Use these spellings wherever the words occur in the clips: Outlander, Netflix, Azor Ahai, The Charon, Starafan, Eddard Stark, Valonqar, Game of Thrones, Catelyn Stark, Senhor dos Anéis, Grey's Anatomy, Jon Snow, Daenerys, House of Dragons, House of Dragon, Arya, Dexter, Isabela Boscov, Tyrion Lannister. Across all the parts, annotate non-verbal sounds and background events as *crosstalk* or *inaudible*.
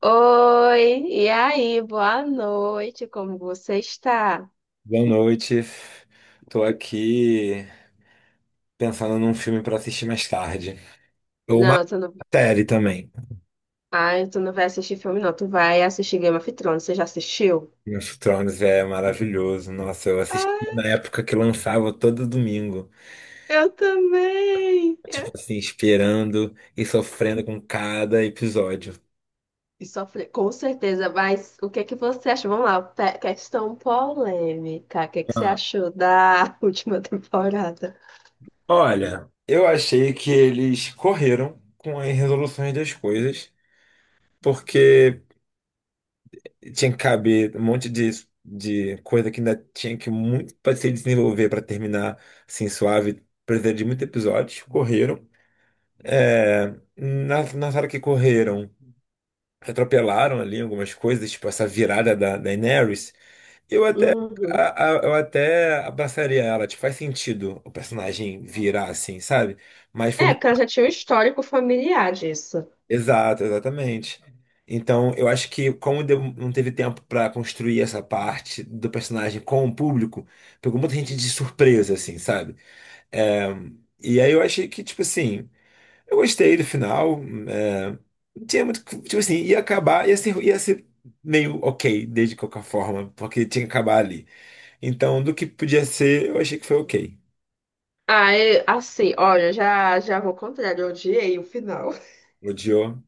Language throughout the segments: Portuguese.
Oi, e aí? Boa noite, como você está? Boa noite. Tô aqui pensando num filme pra assistir mais tarde. Ou uma Não, tu não... série também. Ai, tu não vai assistir filme, não. Tu vai assistir Game of Thrones. Você já assistiu? Game of Thrones é maravilhoso. Nossa, eu assisti Ah, na época que lançava todo domingo. eu também. Tipo Eu... assim, esperando e sofrendo com cada episódio. E sofre, com certeza, mas o que é que você achou? Vamos lá, questão polêmica. O que é que você Ah, achou da *laughs* última temporada? olha, eu achei que eles correram com as resoluções das coisas, porque tinha que caber um monte de coisa que ainda tinha que muito para se desenvolver para terminar assim suave. Precisa de muitos episódios. Correram. É, na hora que correram, atropelaram ali algumas coisas, tipo essa virada da Daenerys. Eu até, Uhum. Eu até abraçaria ela. Tipo, faz sentido o personagem virar assim, sabe? Mas foi É, porque ela já tinha um histórico familiar disso. exato, exatamente. Então, eu acho que não teve tempo para construir essa parte do personagem com o público, pegou muita gente de surpresa, assim, sabe? É, e aí eu achei que, tipo assim, eu gostei do final. é, não tinha muito. Tipo assim, ia acabar, ia ser meio ok, desde qualquer forma, porque tinha que acabar ali. Então, do que podia ser, eu achei que foi ok. Ah, assim, olha, já vou ao contrário, eu odiei o final. Odiou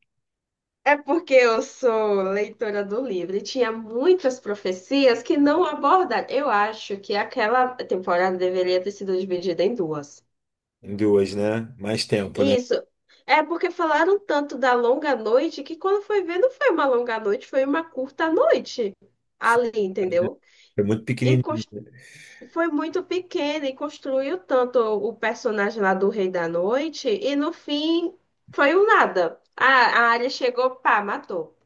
É porque eu sou leitora do livro e tinha muitas profecias que não abordaram. Eu acho que aquela temporada deveria ter sido dividida em duas. em duas, né? Mais tempo, né? Isso. É porque falaram tanto da longa noite que quando foi ver, não foi uma longa noite, foi uma curta noite ali, entendeu? Foi muito E pequenininho. cons- Foi muito pequena e construiu tanto o personagem lá do Rei da Noite e no fim foi um nada. A Arya chegou, pá, matou.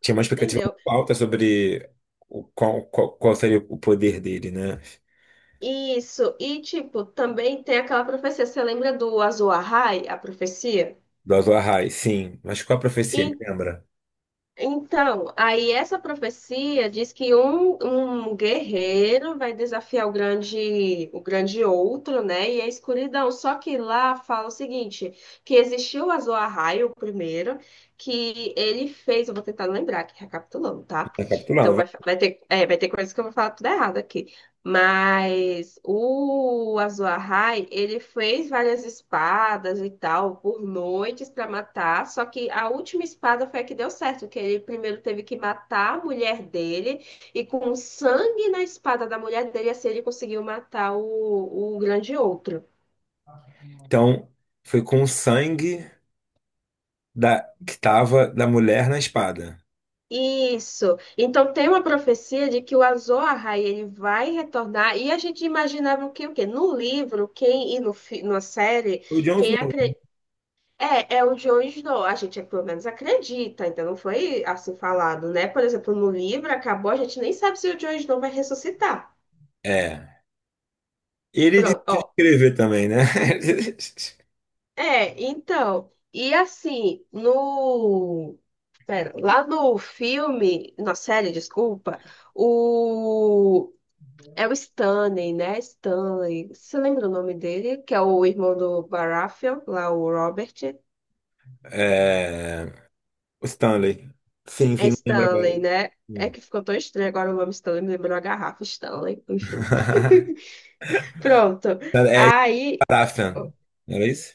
Tinha uma expectativa Entendeu? muito alta sobre qual seria o poder dele, né? Isso, e tipo, também tem aquela profecia, você lembra do Azul Ahai, a profecia? Do Azor Ahai, sim. Mas qual a profecia, me E- lembra? então, aí essa profecia diz que um guerreiro vai desafiar o grande outro, né? E a escuridão. Só que lá fala o seguinte, que existiu o Azul Ahai, o primeiro, que ele fez, eu vou tentar lembrar aqui, recapitulando, tá? Tá capitulando. Então vai, Vai. Vai ter coisas que eu vou falar tudo errado aqui. Mas o Azuahai, ele fez várias espadas e tal por noites para matar, só que a última espada foi a que deu certo, que ele primeiro teve que matar a mulher dele e com o sangue na espada da mulher dele assim ele conseguiu matar o grande outro. Então, foi com o sangue da, que tava da mulher na espada. Isso. Então tem uma profecia de que o Azoahai ele vai retornar e a gente imaginava que o quê? No livro, quem e no, fi- na série, O Jon quem Snow. é, é o Joe Snow. A gente, pelo menos, acredita. Então, não foi assim falado, né? Por exemplo, no livro acabou, a gente nem sabe se o Joe Snow vai ressuscitar. É. Ele Pronto, desistiu de ó. escrever também, né? *laughs* É, então. E assim, no. Pera, lá no filme, na série, desculpa, o. É o Stanley, né? Stanley. Você lembra o nome dele? Que é o irmão do Baratheon, lá o Robert. É, o Stanley. Sim, É sim, lembra lembro Stanley, agora. né? É Sim. que ficou tão estranho agora o nome Stanley, me lembrou a garrafa Stanley, enfim. *laughs* *laughs* Pronto. É Aí. Starafan. Não era isso?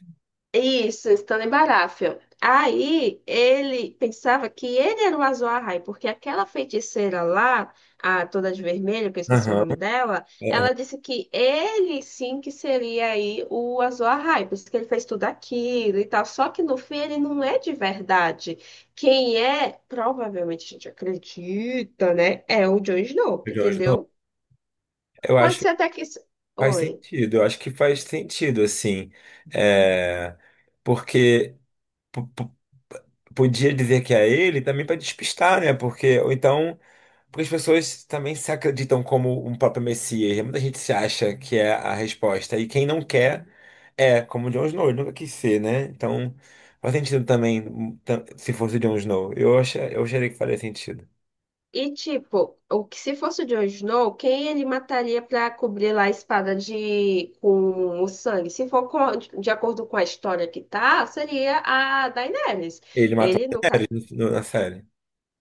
Isso, estando em Baratheon. Aí ele pensava que ele era o Azor porque aquela feiticeira lá, a toda de vermelho, que eu esqueci o Aham. nome dela, é, é, ela disse que ele sim que seria aí o Azor Ahai, por isso que ele fez tudo aquilo e tal. Só que no fim ele não é de verdade. Quem é, provavelmente a gente acredita, né? É o Jon Snow, o Jon Snow. entendeu? Eu Pode acho ser até que. Faz Oi. sentido, eu acho que faz sentido, assim. É, porque p- p- podia dizer que é ele também para despistar, né? Porque, ou então, porque as pessoas também se acreditam como um próprio Messias, né? Muita gente se acha que é a resposta. E quem não quer é, como o Jon Snow, ele nunca quis ser, né? Então, faz sentido também, se fosse o Jon Snow. Eu acharia que faria sentido. E tipo, o que se fosse o Jon Snow, quem ele mataria pra cobrir lá a espada de com o sangue? Se for com- De acordo com a história que tá, seria a Daenerys. Ele matou Ele nunca na série.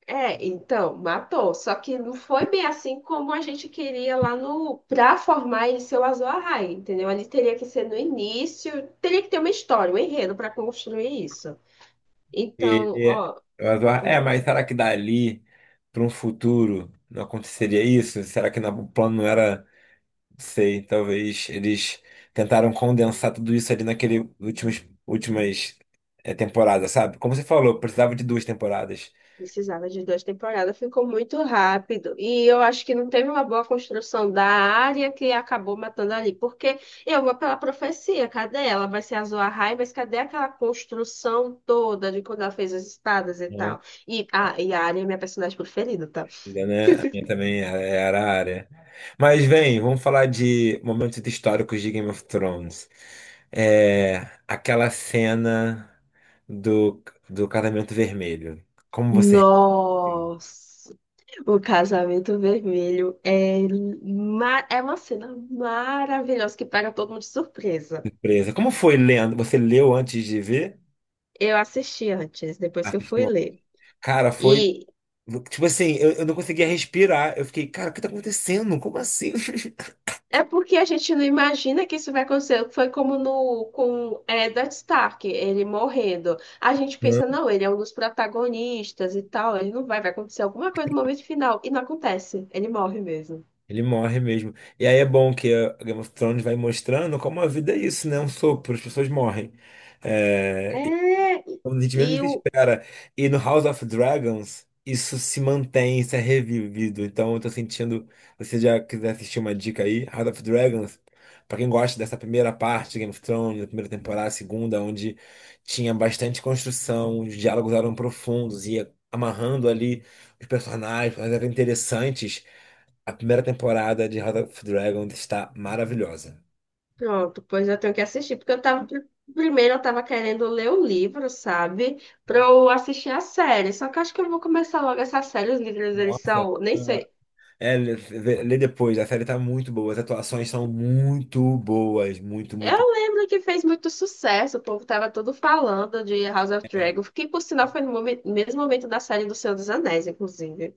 é, então, matou. Só que não foi bem assim como a gente queria lá no pra formar ele ser o Azor Ahai, entendeu? Ele teria que ser no início, teria que ter uma história, um enredo pra construir isso. Ele Então, é, ó, mas eu- é, hum. Mas será que dali para um futuro não aconteceria isso? Será que o plano não era, não sei, talvez eles tentaram condensar tudo isso ali naquele temporadas, sabe? Como você falou, precisava de duas temporadas. Precisava de duas temporadas, ficou muito rápido. E eu acho que não teve uma boa construção da área que acabou matando ali. Porque eu vou pela profecia, cadê ela? Vai ser a Zoahai, mas cadê aquela construção toda de quando ela fez as espadas e Não, tal? E, ah, e a Arya é minha personagem preferida, tá? ainda, né? A minha também era a área. Mas vem, vamos falar de momentos históricos de Game of Thrones. É, aquela cena do, do casamento vermelho. Como você Nossa! O casamento vermelho é, é uma cena maravilhosa que pega todo mundo de surpresa. surpresa. Como foi lendo? Você leu antes de ver? Eu assisti antes, depois que eu fui Assistiu? ler. Cara, foi. E, Tipo assim, eu não conseguia respirar. Eu fiquei, cara, o que tá acontecendo? Como assim? *laughs* é porque a gente não imagina que isso vai acontecer. Foi como no com Eddard Stark, ele morrendo. A gente Não, pensa, não, ele é um dos protagonistas e tal, ele não vai, vai acontecer alguma coisa no momento final. E não acontece, ele morre mesmo. ele morre mesmo. E aí é bom que a Game of Thrones vai mostrando como a vida é isso, né? É um sopro, as pessoas morrem. É, É, quando a gente e menos o. espera. E no House of Dragons, isso se mantém, isso é revivido. Então eu tô sentindo. Se você já quiser assistir uma dica aí, House of Dragons, pra quem gosta dessa primeira parte, Game of Thrones, da primeira temporada, a segunda, onde tinha bastante construção, os diálogos eram profundos, ia amarrando ali os personagens, mas eram interessantes. A primeira temporada de House of Dragons está maravilhosa. Pronto, pois eu tenho que assistir, porque eu tava. Primeiro eu tava querendo ler o livro, sabe? Pra eu assistir a série. Só que eu acho que eu vou começar logo essa série. Os livros, eles Nossa. são. Nem sei. É, lê depois, a série tá muito boa, as atuações são muito boas, muito, muito. Eu lembro que fez muito sucesso, o povo tava todo falando de House of Dragon, que por sinal foi no mesmo momento da série do Senhor dos Anéis, inclusive.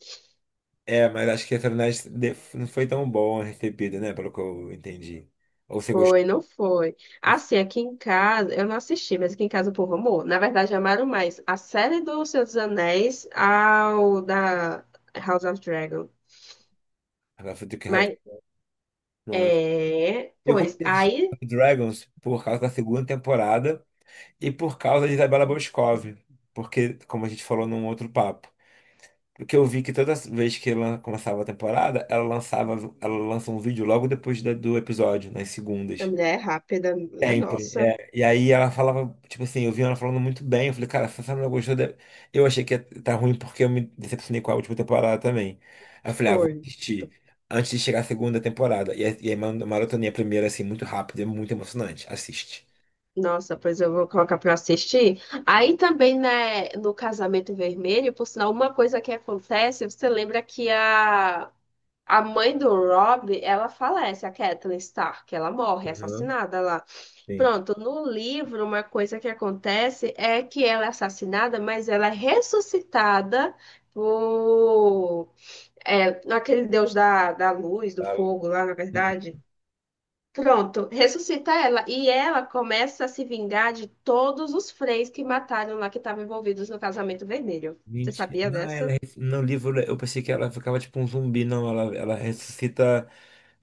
É, mas acho que a série não foi tão boa recebida, né? Pelo que eu entendi. Ou você gostou Foi, não foi. Assim, aqui em casa, eu não assisti, mas aqui em casa o povo amou. Na verdade, amaram mais a série do Senhor dos Anéis ao da House of Dragon. do que ela- Mas, Nossa. é, Eu pois, comecei a assistir aí, Dragons por causa da segunda temporada e por causa de Isabela Boscov, porque, como a gente falou num outro papo, porque eu vi que toda vez que ela começava a temporada, ela lança um vídeo logo depois do episódio, nas a segundas. mulher é rápida, minha Sempre, nossa, é. E aí ela falava, tipo assim, eu vi ela falando muito bem. Eu falei, cara, se você não gostou, eu achei que ia tá ruim porque eu me decepcionei com a última temporada também. Aí eu falei, ah, vou foi. assistir antes de chegar a segunda temporada. E aí maratonei a primeira, assim, muito rápido, é muito emocionante. Assiste. Nossa, pois eu vou colocar pra assistir. Aí também, né, no Casamento Vermelho, por sinal, uma coisa que acontece, você lembra que a mãe do Rob, ela falece, a Catelyn Stark, ela morre, é Uhum. assassinada lá. Sim. Pronto, no livro, uma coisa que acontece é que ela é assassinada, mas ela é ressuscitada por... É, aquele deus da luz, do Ela- fogo lá, na verdade. Pronto, ressuscita ela e ela começa a se vingar de todos os freis que mataram lá que estavam envolvidos no casamento vermelho. Você mentira. sabia Ah, ela. dessa? No livro eu pensei que ela ficava tipo um zumbi. Não, ela ressuscita.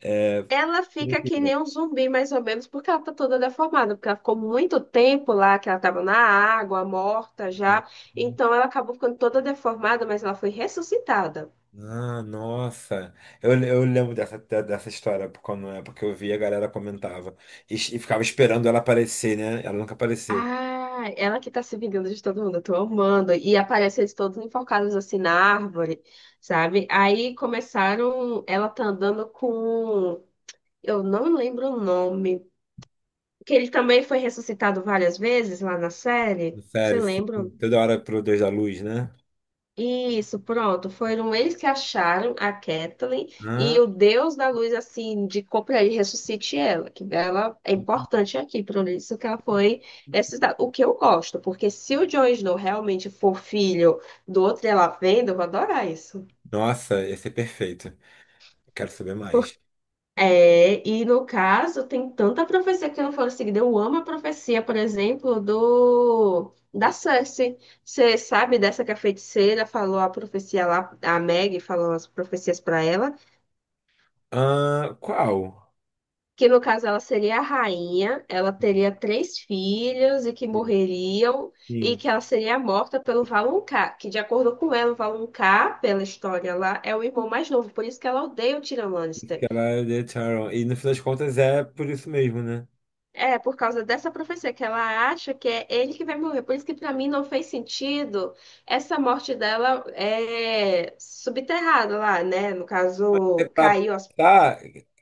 É... Ela por fica que inteiro, nem um zumbi, mais ou menos, porque ela tá toda deformada, porque ela ficou muito tempo lá, que ela tava na água, morta já. né? Então ela acabou ficando toda deformada, mas ela foi ressuscitada. Ah, nossa. Eu lembro dessa, dessa história, por quando é porque eu vi a galera comentava. E ficava esperando ela aparecer, né? Ela nunca apareceu. Ah, ela que tá se vingando de todo mundo, eu tô amando. E aparece eles todos enforcados assim na árvore, sabe? Aí começaram, ela tá andando com, eu não lembro o nome, que ele também foi ressuscitado várias vezes lá na série. Você Sério, sim. lembra? Toda hora pro Deus da Luz, né? Isso, pronto. Foram eles que acharam a Kathleen Ah, e o Deus da Luz, assim, indicou para ele ressuscite ela, que ela é importante aqui, por isso que ela foi ressuscitada. O que eu gosto, porque se o Jon Snow realmente for filho do outro, ela vendo, eu vou adorar isso. nossa, esse é perfeito. Eu quero saber mais. É, e no caso, tem tanta profecia que não foram seguidas. Eu amo a profecia, por exemplo, do da Cersei. Você sabe dessa que a feiticeira falou a profecia lá, a Meg falou as profecias para ela, Ah, qual? que no caso ela seria a rainha, ela teria três filhos e que morreriam, e Sim, que ela seria morta pelo Valonqar, que de acordo com ela, o Valonqar, pela história lá, é o irmão mais novo, por isso que ela odeia o Tyrion Lannister. que ela é The Charon. E no fim das contas é por isso mesmo, né? É, por causa dessa profecia, que ela acha que é ele que vai morrer. Por isso que para mim não fez sentido essa morte dela é subterrada lá, né? No É caso, pra caiu as... tá,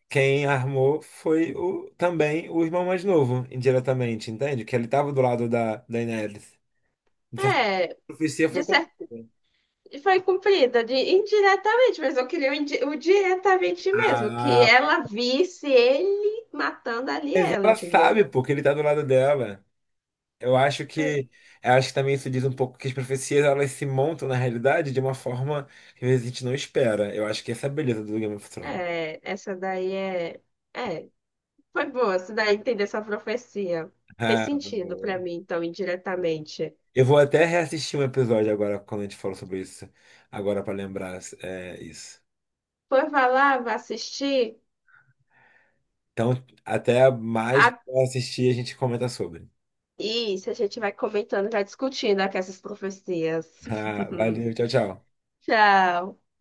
Quem armou foi o, também o irmão mais novo, indiretamente, entende? Que ele estava do lado da Daenerys. De certa forma, É, a profecia de foi certo, cumprida. foi cumprida de indiretamente, mas eu queria o, o diretamente mesmo, que Ah, ela visse ele matando ali mas ela, ela entendeu? sabe, porque ele tá do lado dela. Eu acho que, eu acho que também isso diz um pouco que as profecias elas se montam na realidade de uma forma que às vezes a gente não espera. Eu acho que essa é a beleza do Game of Thrones. É, é, essa daí é... É, foi boa, essa daí entender essa profecia. Fez Ah, sentido boa. para mim, então, indiretamente. Eu vou até reassistir um episódio agora quando a gente falou sobre isso, agora pra lembrar é, isso. Foi, vai lá, vai assistir. Então, até mais A... quando assistir, a gente comenta sobre. Isso, a gente vai comentando, vai discutindo aqui essas profecias. *laughs* Valeu, *laughs* tchau, tchau. Tchau.